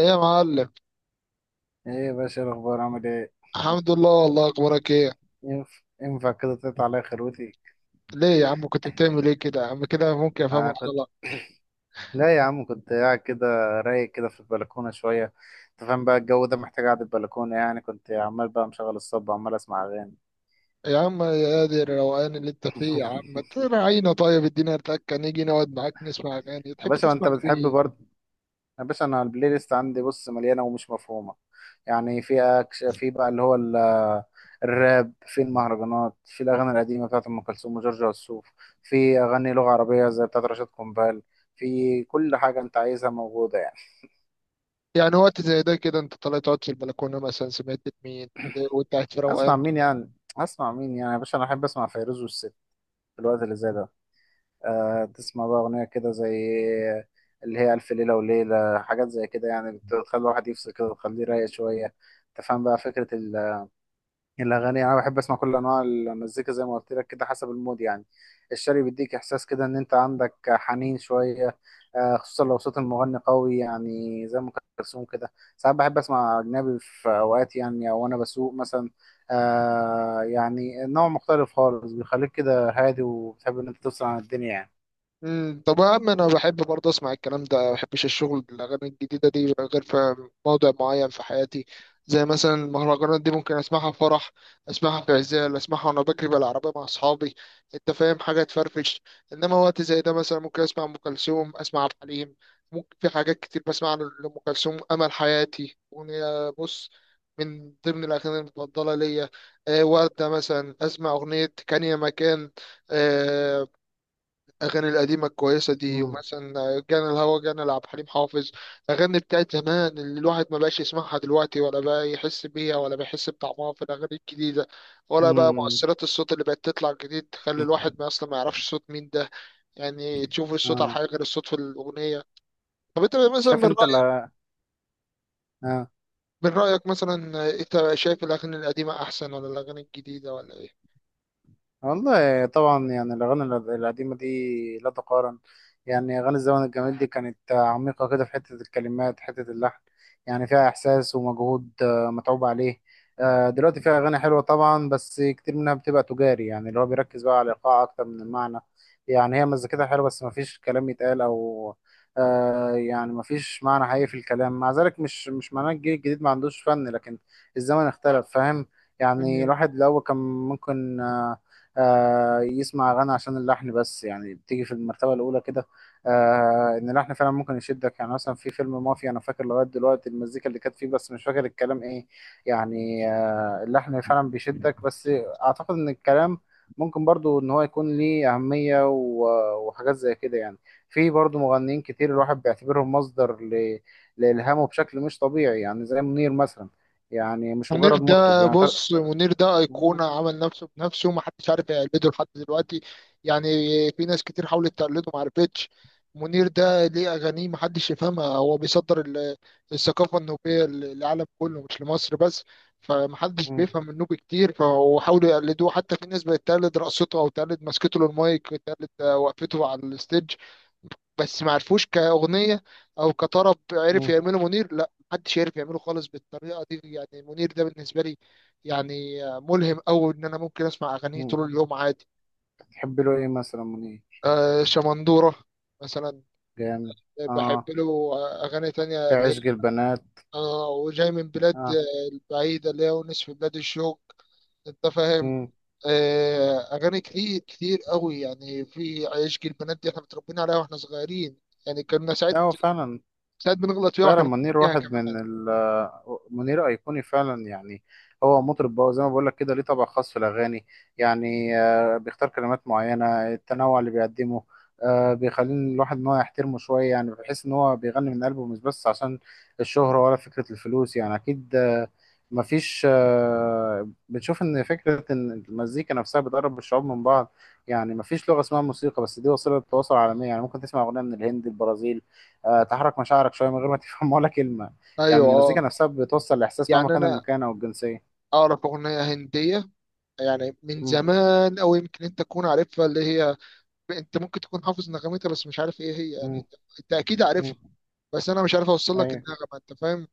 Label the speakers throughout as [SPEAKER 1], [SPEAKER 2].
[SPEAKER 1] ايه يا معلم؟
[SPEAKER 2] ايه يا باشا؟ إيه الاخبار؟ عامل ايه؟
[SPEAKER 1] الحمد لله، والله اخبارك ايه؟
[SPEAKER 2] ينفع كده تقطع عليا خروتي؟
[SPEAKER 1] ليه يا عم؟ كنت بتعمل ايه كده يا عم؟ كده ممكن
[SPEAKER 2] آه
[SPEAKER 1] افهمك
[SPEAKER 2] كنت
[SPEAKER 1] غلط.
[SPEAKER 2] لا يا عم، كنت قاعد كده، رايق كده في البلكونه شويه. انت فاهم بقى؟ الجو ده محتاج قعده البلكونه، يعني كنت عمال بقى مشغل الصب وعمال اسمع اغاني.
[SPEAKER 1] يا عم يا دي الروقان اللي انت فيه، يا عم تراعينا، طيب ادينا تكه نيجي نقعد معاك نسمع اغاني.
[SPEAKER 2] يا
[SPEAKER 1] تحب
[SPEAKER 2] باشا، ما
[SPEAKER 1] تسمع
[SPEAKER 2] انت بتحب
[SPEAKER 1] ايه؟
[SPEAKER 2] برضه. يا باشا، انا البلاي ليست عندي بص مليانه ومش مفهومه. يعني في أكش، في بقى اللي هو الراب، في المهرجانات، في الاغاني القديمه بتاعت ام كلثوم وجورج وسوف، في اغاني لغه عربيه زي بتاعت رشاد قنبال. في كل حاجه انت عايزها موجوده يعني.
[SPEAKER 1] يعني وقت زي ده كده انت طالع تقعد في البلكونه مثلا سمعت مين وانت قاعد في
[SPEAKER 2] اسمع
[SPEAKER 1] روقان؟
[SPEAKER 2] مين يعني؟ اسمع مين يعني يا باشا؟ انا احب اسمع فيروز والست في الوقت اللي زي ده. أه، تسمع بقى اغنيه كده زي اللي هي الف ليله وليله، حاجات زي كده يعني، بتخلي الواحد يفصل كده وتخليه رايق شويه. تفهم بقى فكره؟ الأغاني، أنا بحب أسمع كل أنواع المزيكا زي ما قلت لك كده، حسب المود يعني. الشعبي بيديك إحساس كده إن أنت عندك حنين شوية. آه، خصوصا لو صوت المغني قوي يعني، زي أم كلثوم كده. ساعات بحب أسمع أجنبي في أوقات يعني، أو أنا بسوق مثلا. آه، يعني نوع مختلف خالص، بيخليك كده هادي وبتحب إن أنت تفصل عن الدنيا يعني.
[SPEAKER 1] مم، طب يا عم انا بحب برضه اسمع الكلام ده، ما بحبش الشغل بالاغاني الجديده دي غير في موضع معين في حياتي. زي مثلا المهرجانات دي ممكن اسمعها في فرح، اسمعها في عزال، اسمعها وانا بجري بالعربيه مع اصحابي. انت فاهم؟ حاجه تفرفش. انما وقت زي ده مثلا ممكن اسمع ام كلثوم، اسمع عبد الحليم. ممكن في حاجات كتير، بسمع لام كلثوم امل حياتي، اغنيه بص من ضمن الاغاني المفضله ليا. وردة مثلا اسمع اغنيه كان يا مكان. آه، الاغاني القديمه الكويسه دي،
[SPEAKER 2] امم.
[SPEAKER 1] ومثلا جانا الهوى جانا لعبد الحليم حافظ. اغاني بتاعت زمان اللي الواحد ما بقاش يسمعها دلوقتي، ولا بقى يحس بيها، ولا بيحس بطعمها في الاغاني الجديده، ولا بقى
[SPEAKER 2] مم.
[SPEAKER 1] مؤثرات الصوت اللي بقت تطلع جديد تخلي الواحد ما اصلا ما يعرفش صوت مين ده. يعني تشوف الصوت على
[SPEAKER 2] آه.
[SPEAKER 1] حاجه غير الصوت في الاغنيه. طب انت مثلا من
[SPEAKER 2] شايف أنت،
[SPEAKER 1] رايك،
[SPEAKER 2] لا،
[SPEAKER 1] من رايك مثلا، انت شايف الاغاني القديمه احسن ولا الاغاني الجديده ولا
[SPEAKER 2] والله طبعا، يعني الأغاني القديمة دي لا تقارن. يعني أغاني الزمن الجميل دي كانت عميقة كده في حتة الكلمات، حتة اللحن. يعني فيها إحساس ومجهود، متعوب عليه. دلوقتي فيها أغاني حلوة طبعا، بس كتير منها بتبقى تجاري، يعني اللي هو بيركز بقى على الإيقاع أكتر من المعنى. يعني هي مزيكتها حلوة بس مفيش كلام يتقال، أو يعني مفيش معنى حقيقي في الكلام. مع ذلك مش معناه الجيل الجديد ما عندوش فن، لكن الزمن اختلف، فاهم؟ يعني
[SPEAKER 1] ايه؟
[SPEAKER 2] الواحد الأول كان ممكن، يسمع أغاني عشان اللحن بس، يعني بتيجي في المرتبة الأولى كده. إن اللحن فعلا ممكن يشدك، يعني مثلا في فيلم مافيا أنا فاكر لغاية دلوقتي المزيكا اللي كانت فيه بس مش فاكر الكلام إيه. يعني اللحن فعلا بيشدك، بس أعتقد إن الكلام ممكن برضو إن هو يكون ليه أهمية وحاجات زي كده يعني. في برضو مغنيين كتير الواحد بيعتبرهم مصدر لإلهامه بشكل مش طبيعي، يعني زي منير مثلا. يعني مش
[SPEAKER 1] منير
[SPEAKER 2] مجرد مطرب،
[SPEAKER 1] ده
[SPEAKER 2] يعني
[SPEAKER 1] بص، منير ده
[SPEAKER 2] مم.
[SPEAKER 1] أيقونة، عمل نفسه بنفسه، محدش عارف يقلده لحد دلوقتي. يعني في ناس كتير حاولت تقلده، معرفتش. منير ده ليه أغانيه محدش يفهمها، هو بيصدر الثقافة النوبية للعالم كله مش لمصر بس. فمحدش بيفهم النوبي كتير، فهو حاولوا يقلدوه حتى، في ناس بقت تقلد رقصته أو تقلد مسكته للمايك، تقلد وقفته على الستيج. بس ما عرفوش كأغنية أو كطرب عرف
[SPEAKER 2] مم.
[SPEAKER 1] يعمله منير، لا محدش عرف يعمله خالص بالطريقة دي. يعني منير ده بالنسبة لي يعني ملهم أوي، إن أنا ممكن أسمع أغانيه
[SPEAKER 2] مم.
[SPEAKER 1] طول اليوم عادي.
[SPEAKER 2] تحب له ايه مثلا منير؟
[SPEAKER 1] آه شمندورة مثلا.
[SPEAKER 2] جامد.
[SPEAKER 1] بحب
[SPEAKER 2] اه.
[SPEAKER 1] له أغاني تانية
[SPEAKER 2] في
[SPEAKER 1] اللي هي
[SPEAKER 2] عشق البنات.
[SPEAKER 1] آه وجاي من بلاد
[SPEAKER 2] اه.
[SPEAKER 1] البعيدة، اللي هي ونس في بلاد الشوق. أنت فاهم.
[SPEAKER 2] امم.
[SPEAKER 1] آه أغاني كتير كتير أوي. يعني في عشق البنات دي إحنا متربيين عليها وإحنا صغيرين. يعني كنا ساعات،
[SPEAKER 2] لا، هو فعلا.
[SPEAKER 1] ساعات بنغلط فيها وإحنا
[SPEAKER 2] فعلا
[SPEAKER 1] بنغلط
[SPEAKER 2] منير
[SPEAKER 1] فيها
[SPEAKER 2] واحد
[SPEAKER 1] كمان.
[SPEAKER 2] من ال، منير أيقوني فعلا يعني. هو مطرب بقى زي ما بقول لك كده، ليه طبع خاص في الأغاني. يعني بيختار كلمات معينة. التنوع اللي بيقدمه، بيخلي الواحد إن هو يحترمه شوية، يعني بحيث إن هو بيغني من قلبه مش بس عشان الشهرة ولا فكرة الفلوس. يعني أكيد، آه، مفيش آه، بنشوف إن فكرة إن المزيكا نفسها بتقرب الشعوب من بعض. يعني مفيش لغة اسمها موسيقى، بس دي وسيلة تواصل عالمية. يعني ممكن تسمع أغنية من الهند، البرازيل، تحرك مشاعرك شويه من غير ما تفهم ولا كلمه. يعني
[SPEAKER 1] ايوه
[SPEAKER 2] المزيكا
[SPEAKER 1] اه.
[SPEAKER 2] نفسها بتوصل لاحساس مهما
[SPEAKER 1] يعني
[SPEAKER 2] كان
[SPEAKER 1] انا
[SPEAKER 2] المكان او الجنسيه.
[SPEAKER 1] اعرف اغنيه هنديه، يعني من
[SPEAKER 2] مم.
[SPEAKER 1] زمان، او يمكن انت تكون عارفها اللي هي، انت ممكن تكون حافظ نغمتها بس مش عارف ايه هي. يعني
[SPEAKER 2] مم.
[SPEAKER 1] انت أنت اكيد عارفها،
[SPEAKER 2] مم.
[SPEAKER 1] بس انا مش عارف اوصل لك
[SPEAKER 2] ايوه.
[SPEAKER 1] النغمه. انت فاهم.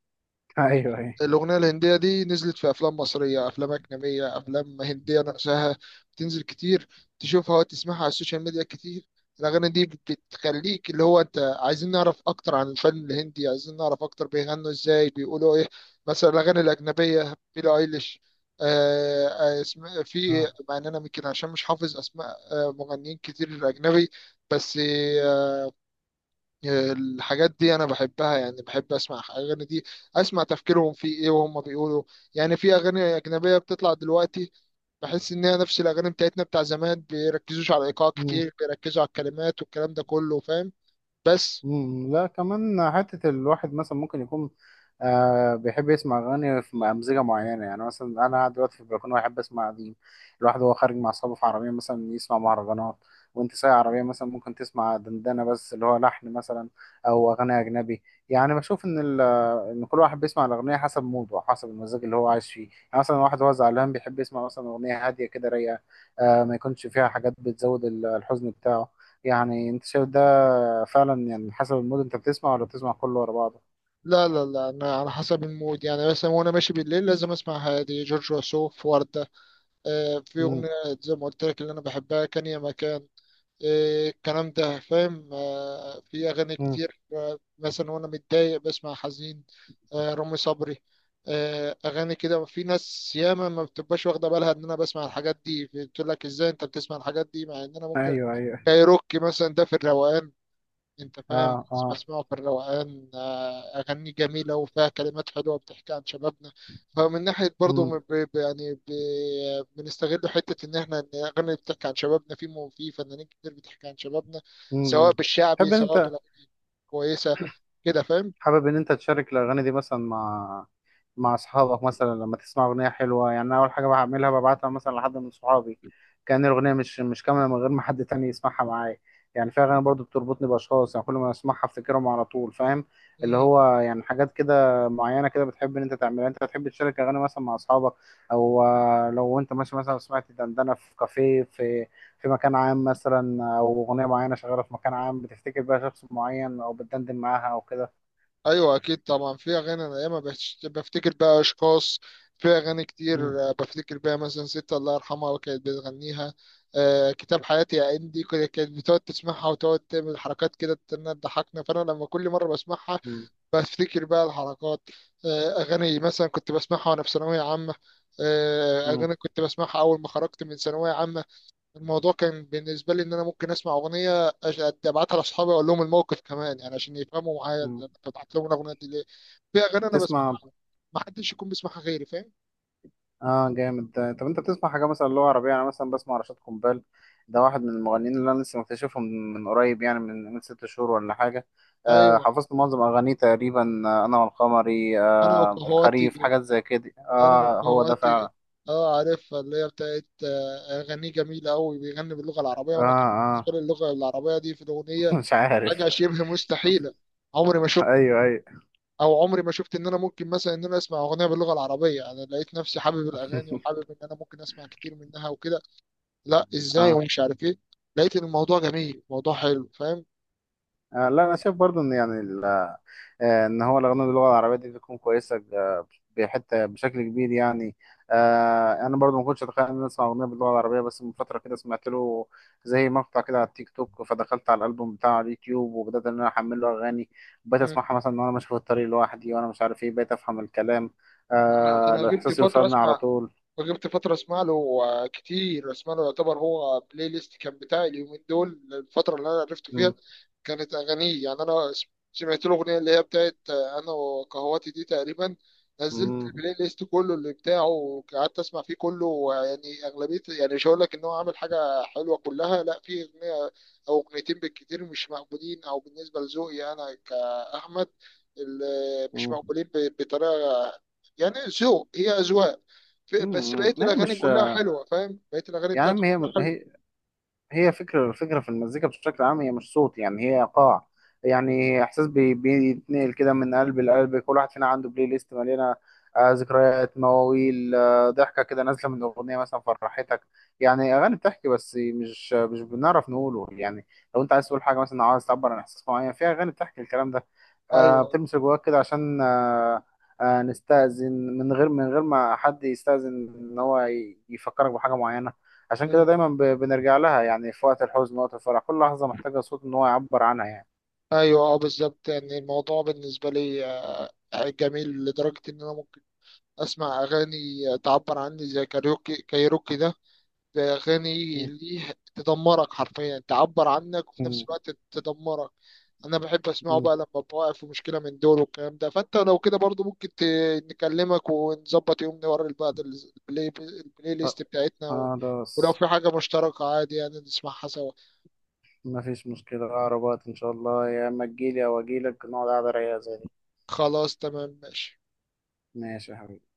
[SPEAKER 2] ايوه ايوه.
[SPEAKER 1] الأغنية الهندية دي نزلت في أفلام مصرية، أفلام أجنبية، أفلام هندية نفسها، بتنزل كتير، تشوفها وتسمعها على السوشيال ميديا كتير. الأغاني دي بتخليك اللي هو أنت عايزين نعرف أكتر عن الفن الهندي، عايزين نعرف أكتر بيغنوا إزاي، بيقولوا إيه. مثلا الأغاني الأجنبية بيلي أيليش، في،
[SPEAKER 2] آه.
[SPEAKER 1] مع إن أنا يمكن عشان مش حافظ أسماء مغنيين كتير أجنبي. بس الحاجات دي انا بحبها، يعني بحب اسمع اغاني دي، اسمع تفكيرهم في ايه وهم بيقولوا. يعني في اغاني اجنبيه بتطلع دلوقتي، بحس ان هي نفس الاغاني بتاعتنا بتاع زمان، بيركزوش على الايقاع كتير، بيركزوا على الكلمات والكلام ده كله. فاهم. بس
[SPEAKER 2] مم، لا كمان حتة الواحد مثلا ممكن يكون بيحب يسمع أغاني في أمزجة معينة، يعني مثلا أنا قاعد دلوقتي في البلكونة وأحب أسمع قديم. الواحد وهو خارج مع أصحابه في عربية مثلا يسمع مهرجانات، وأنت سايق عربية مثلا ممكن تسمع دندنة بس اللي هو لحن مثلا، أو أغاني أجنبي. يعني بشوف إن ال-، إن كل واحد بيسمع الأغنية حسب موده وحسب المزاج اللي هو عايش فيه. يعني مثلا واحد هو زعلان بيحب يسمع مثلا أغنية هادية كده رايقة، ما يكونش فيها حاجات بتزود الحزن بتاعه. يعني أنت شايف ده؟ فعلا، يعني حسب المود انت بتسمع ولا بتسمع كله ورا بعضه؟
[SPEAKER 1] لا، انا على حسب المود. يعني مثلا وانا ماشي بالليل لازم اسمع هادي، جورج وسوف، وردة. آه في اغنيه
[SPEAKER 2] مم.
[SPEAKER 1] زي ما قلت لك اللي انا بحبها كان يا مكان. إيه الكلام ده. فاهم. آه في أغاني
[SPEAKER 2] مم.
[SPEAKER 1] كتير، آه مثلا وأنا متضايق بسمع حزين. آه رامي صبري. آه أغاني كده، في ناس ياما ما بتبقاش واخدة بالها إن أنا بسمع الحاجات دي، بتقول لك إزاي أنت بتسمع الحاجات دي مع إن أنا ممكن.
[SPEAKER 2] ايوه ايوه.
[SPEAKER 1] كايروكي مثلا ده في الروقان. انت فاهم،
[SPEAKER 2] اه
[SPEAKER 1] لازم
[SPEAKER 2] اه.
[SPEAKER 1] اسمعه في الروقان. اغاني جميله وفيها كلمات حلوه بتحكي عن شبابنا. فمن ناحيه برضه،
[SPEAKER 2] امم.
[SPEAKER 1] بنستغل حته ان احنا ان الاغاني اللي بتحكي عن شبابنا، في فنانين كتير بتحكي عن شبابنا،
[SPEAKER 2] امم.
[SPEAKER 1] سواء بالشعبي
[SPEAKER 2] تحب
[SPEAKER 1] سواء
[SPEAKER 2] انت،
[SPEAKER 1] بالاغاني كويسه كده. فاهم.
[SPEAKER 2] حابب ان انت تشارك الاغاني دي مثلا مع مع اصحابك؟ مثلا لما تسمع اغنيه حلوه، يعني أنا اول حاجه بعملها ببعتها مثلا لحد من صحابي، كأن الاغنيه مش كامله من غير ما حد تاني يسمعها معايا. يعني في اغاني برضو بتربطني باشخاص، يعني كل ما اسمعها افتكرهم على طول، فاهم؟ اللي هو يعني حاجات كده معينه كده بتحب ان انت تعملها. انت بتحب تشارك اغاني مثلا مع اصحابك؟ او لو انت ماشي مثلا سمعت دندنه في كافيه، في في مكان عام مثلا، او اغنيه معينه شغاله في مكان عام، بتفتكر بقى شخص معين او بتدندن معاها او كده؟
[SPEAKER 1] ايوه اكيد طبعا، في اغاني انا ياما بفتكر بقى اشخاص، في اغاني
[SPEAKER 2] مم.
[SPEAKER 1] كتير. بفتكر بيها مثلا ست الله يرحمها كانت بتغنيها. كتاب حياتي يا اندي كده كانت بتقعد تسمعها وتقعد تعمل حركات كده تضحكنا. فانا لما كل مره بسمعها
[SPEAKER 2] مم.
[SPEAKER 1] بفتكر بقى الحركات. اغاني مثلا كنت بسمعها وانا في ثانويه عامه.
[SPEAKER 2] مم.
[SPEAKER 1] اغاني كنت بسمعها اول ما خرجت من ثانويه عامه. الموضوع كان بالنسبة لي إن أنا ممكن أسمع أغنية أبعتها لأصحابي وأقول لهم الموقف كمان، يعني عشان يفهموا معايا ده
[SPEAKER 2] مم.
[SPEAKER 1] أنا ببعت لهم الأغنية دي ليه. في أغاني أنا
[SPEAKER 2] تسمع.
[SPEAKER 1] بسمعها ما حدش يكون بيسمعها غيري. فاهم.
[SPEAKER 2] اه جامد ده. طب انت بتسمع حاجه مثلا لغه عربيه؟ انا مثلا بسمع رشاد قنبال. ده واحد من المغنيين اللي انا لسه مكتشفهم من قريب، يعني من 6 شهور ولا حاجه.
[SPEAKER 1] أيوه.
[SPEAKER 2] حفظت معظم اغانيه تقريبا. انا والقمري،
[SPEAKER 1] أنا
[SPEAKER 2] الخريف،
[SPEAKER 1] وقهواتي
[SPEAKER 2] حاجات زي كده.
[SPEAKER 1] أنا
[SPEAKER 2] اه، هو ده
[SPEAKER 1] وقهواتي
[SPEAKER 2] فعلا.
[SPEAKER 1] أه عارفها اللي هي بتاعت أغانيه جميلة أوي، بيغني باللغة العربية،
[SPEAKER 2] اه
[SPEAKER 1] وأنا كان بالنسبة
[SPEAKER 2] اه.
[SPEAKER 1] لي اللغة العربية دي في الأغنية
[SPEAKER 2] مش عارف.
[SPEAKER 1] حاجة شبه مستحيلة. عمري ما شفت
[SPEAKER 2] ايوه ايوه.
[SPEAKER 1] عمري ما شفت ان انا ممكن مثلا ان انا اسمع اغنيه باللغه العربيه. انا لقيت نفسي حابب الاغاني وحابب ان انا ممكن اسمع كتير منها وكده. لا ازاي،
[SPEAKER 2] اه.
[SPEAKER 1] ومش عارف ايه. لقيت ان الموضوع جميل، الموضوع حلو. فاهم.
[SPEAKER 2] لا، انا شايف برضو ان يعني ال-، ان هو الاغاني باللغه العربيه دي بتكون كويسه بحته بشكل كبير يعني. انا برضو ما كنتش اتخيل ان أنا اسمع اغنيه باللغه العربيه، بس من فتره كده سمعت له زي مقطع كده على التيك توك، فدخلت على الالبوم بتاعه على اليوتيوب وبدات ان انا احمل له اغاني. بقيت
[SPEAKER 1] مم.
[SPEAKER 2] اسمعها مثلا وانا ماشي في الطريق لوحدي وانا مش عارف ايه، بقيت افهم الكلام.
[SPEAKER 1] انا انا غبت
[SPEAKER 2] الاحساس
[SPEAKER 1] فتره
[SPEAKER 2] يوصلني على
[SPEAKER 1] اسمع،
[SPEAKER 2] طول.
[SPEAKER 1] فجبت فترة اسمع له، كتير اسمع له. يعتبر هو بلاي ليست كان بتاعي اليومين دول، الفترة اللي انا عرفته
[SPEAKER 2] مم،
[SPEAKER 1] فيها كانت اغانيه. يعني سمعت له اغنية اللي هي بتاعت انا وقهواتي دي تقريبا. نزلت
[SPEAKER 2] مم،
[SPEAKER 1] البلاي ليست كله اللي بتاعه وقعدت اسمع فيه كله. ويعني اغلبية، يعني مش هقول لك ان هو عامل حاجة حلوة كلها، لا في اغنية او اغنيتين بالكتير مش مقبولين، او بالنسبة لذوقي انا كأحمد اللي مش
[SPEAKER 2] مم،
[SPEAKER 1] مقبولين بطريقة، يعني ذوق، هي أذواق.
[SPEAKER 2] مم،
[SPEAKER 1] بس بقيه
[SPEAKER 2] مم. هي
[SPEAKER 1] الاغاني
[SPEAKER 2] مش
[SPEAKER 1] كلها حلوه. فاهم، بقيه الاغاني بتاعته
[SPEAKER 2] يعني،
[SPEAKER 1] كلها
[SPEAKER 2] هي
[SPEAKER 1] حلوه.
[SPEAKER 2] هي هي فكرة في المزيكا بشكل عام، هي مش صوت، يعني هي إيقاع. يعني إحساس بيتنقل كده من قلب لقلب. كل واحد فينا عنده بلاي ليست مليانة، ذكريات، مواويل، ضحكة كده نازلة من أغنية مثلا، فرحتك. يعني أغاني بتحكي، بس مش بنعرف نقوله. يعني لو أنت عايز تقول حاجة مثلا، أو عايز تعبر عن إحساس معين، في أغاني بتحكي الكلام ده.
[SPEAKER 1] ايوه.
[SPEAKER 2] بتلمس جواك كده عشان نستأذن من غير ما حد يستأذن إن هو يفكرك بحاجة معينة. عشان كده
[SPEAKER 1] مم.
[SPEAKER 2] دايما بنرجع لها، يعني في وقت الحزن، وقت الفرح، كل لحظة محتاجة صوت إن هو يعبر عنها يعني.
[SPEAKER 1] ايوه اه، بالظبط. يعني الموضوع بالنسبه لي جميل لدرجه ان انا ممكن اسمع اغاني تعبر عني زي كايروكي ده، ده أغاني ليه تدمرك حرفيا، تعبر عنك وفي نفس الوقت تدمرك. أنا بحب أسمعه بقى لما ببقى واقف في مشكلة من دول والكلام ده. فأنت لو كده برضو ممكن نكلمك ونظبط يوم نوري بعض البلاي
[SPEAKER 2] أ-
[SPEAKER 1] ليست بتاعتنا و... ولو
[SPEAKER 2] خلاص،
[SPEAKER 1] في حاجة مشتركة عادي يعني نسمعها سوا.
[SPEAKER 2] مفيش مشكلة. أقرب وقت إن شاء الله يا إما تجيلي أو أجيلك، نقعد قعدة رايقة زي دي.
[SPEAKER 1] خلاص تمام ماشي.
[SPEAKER 2] ماشي يا حبيبي.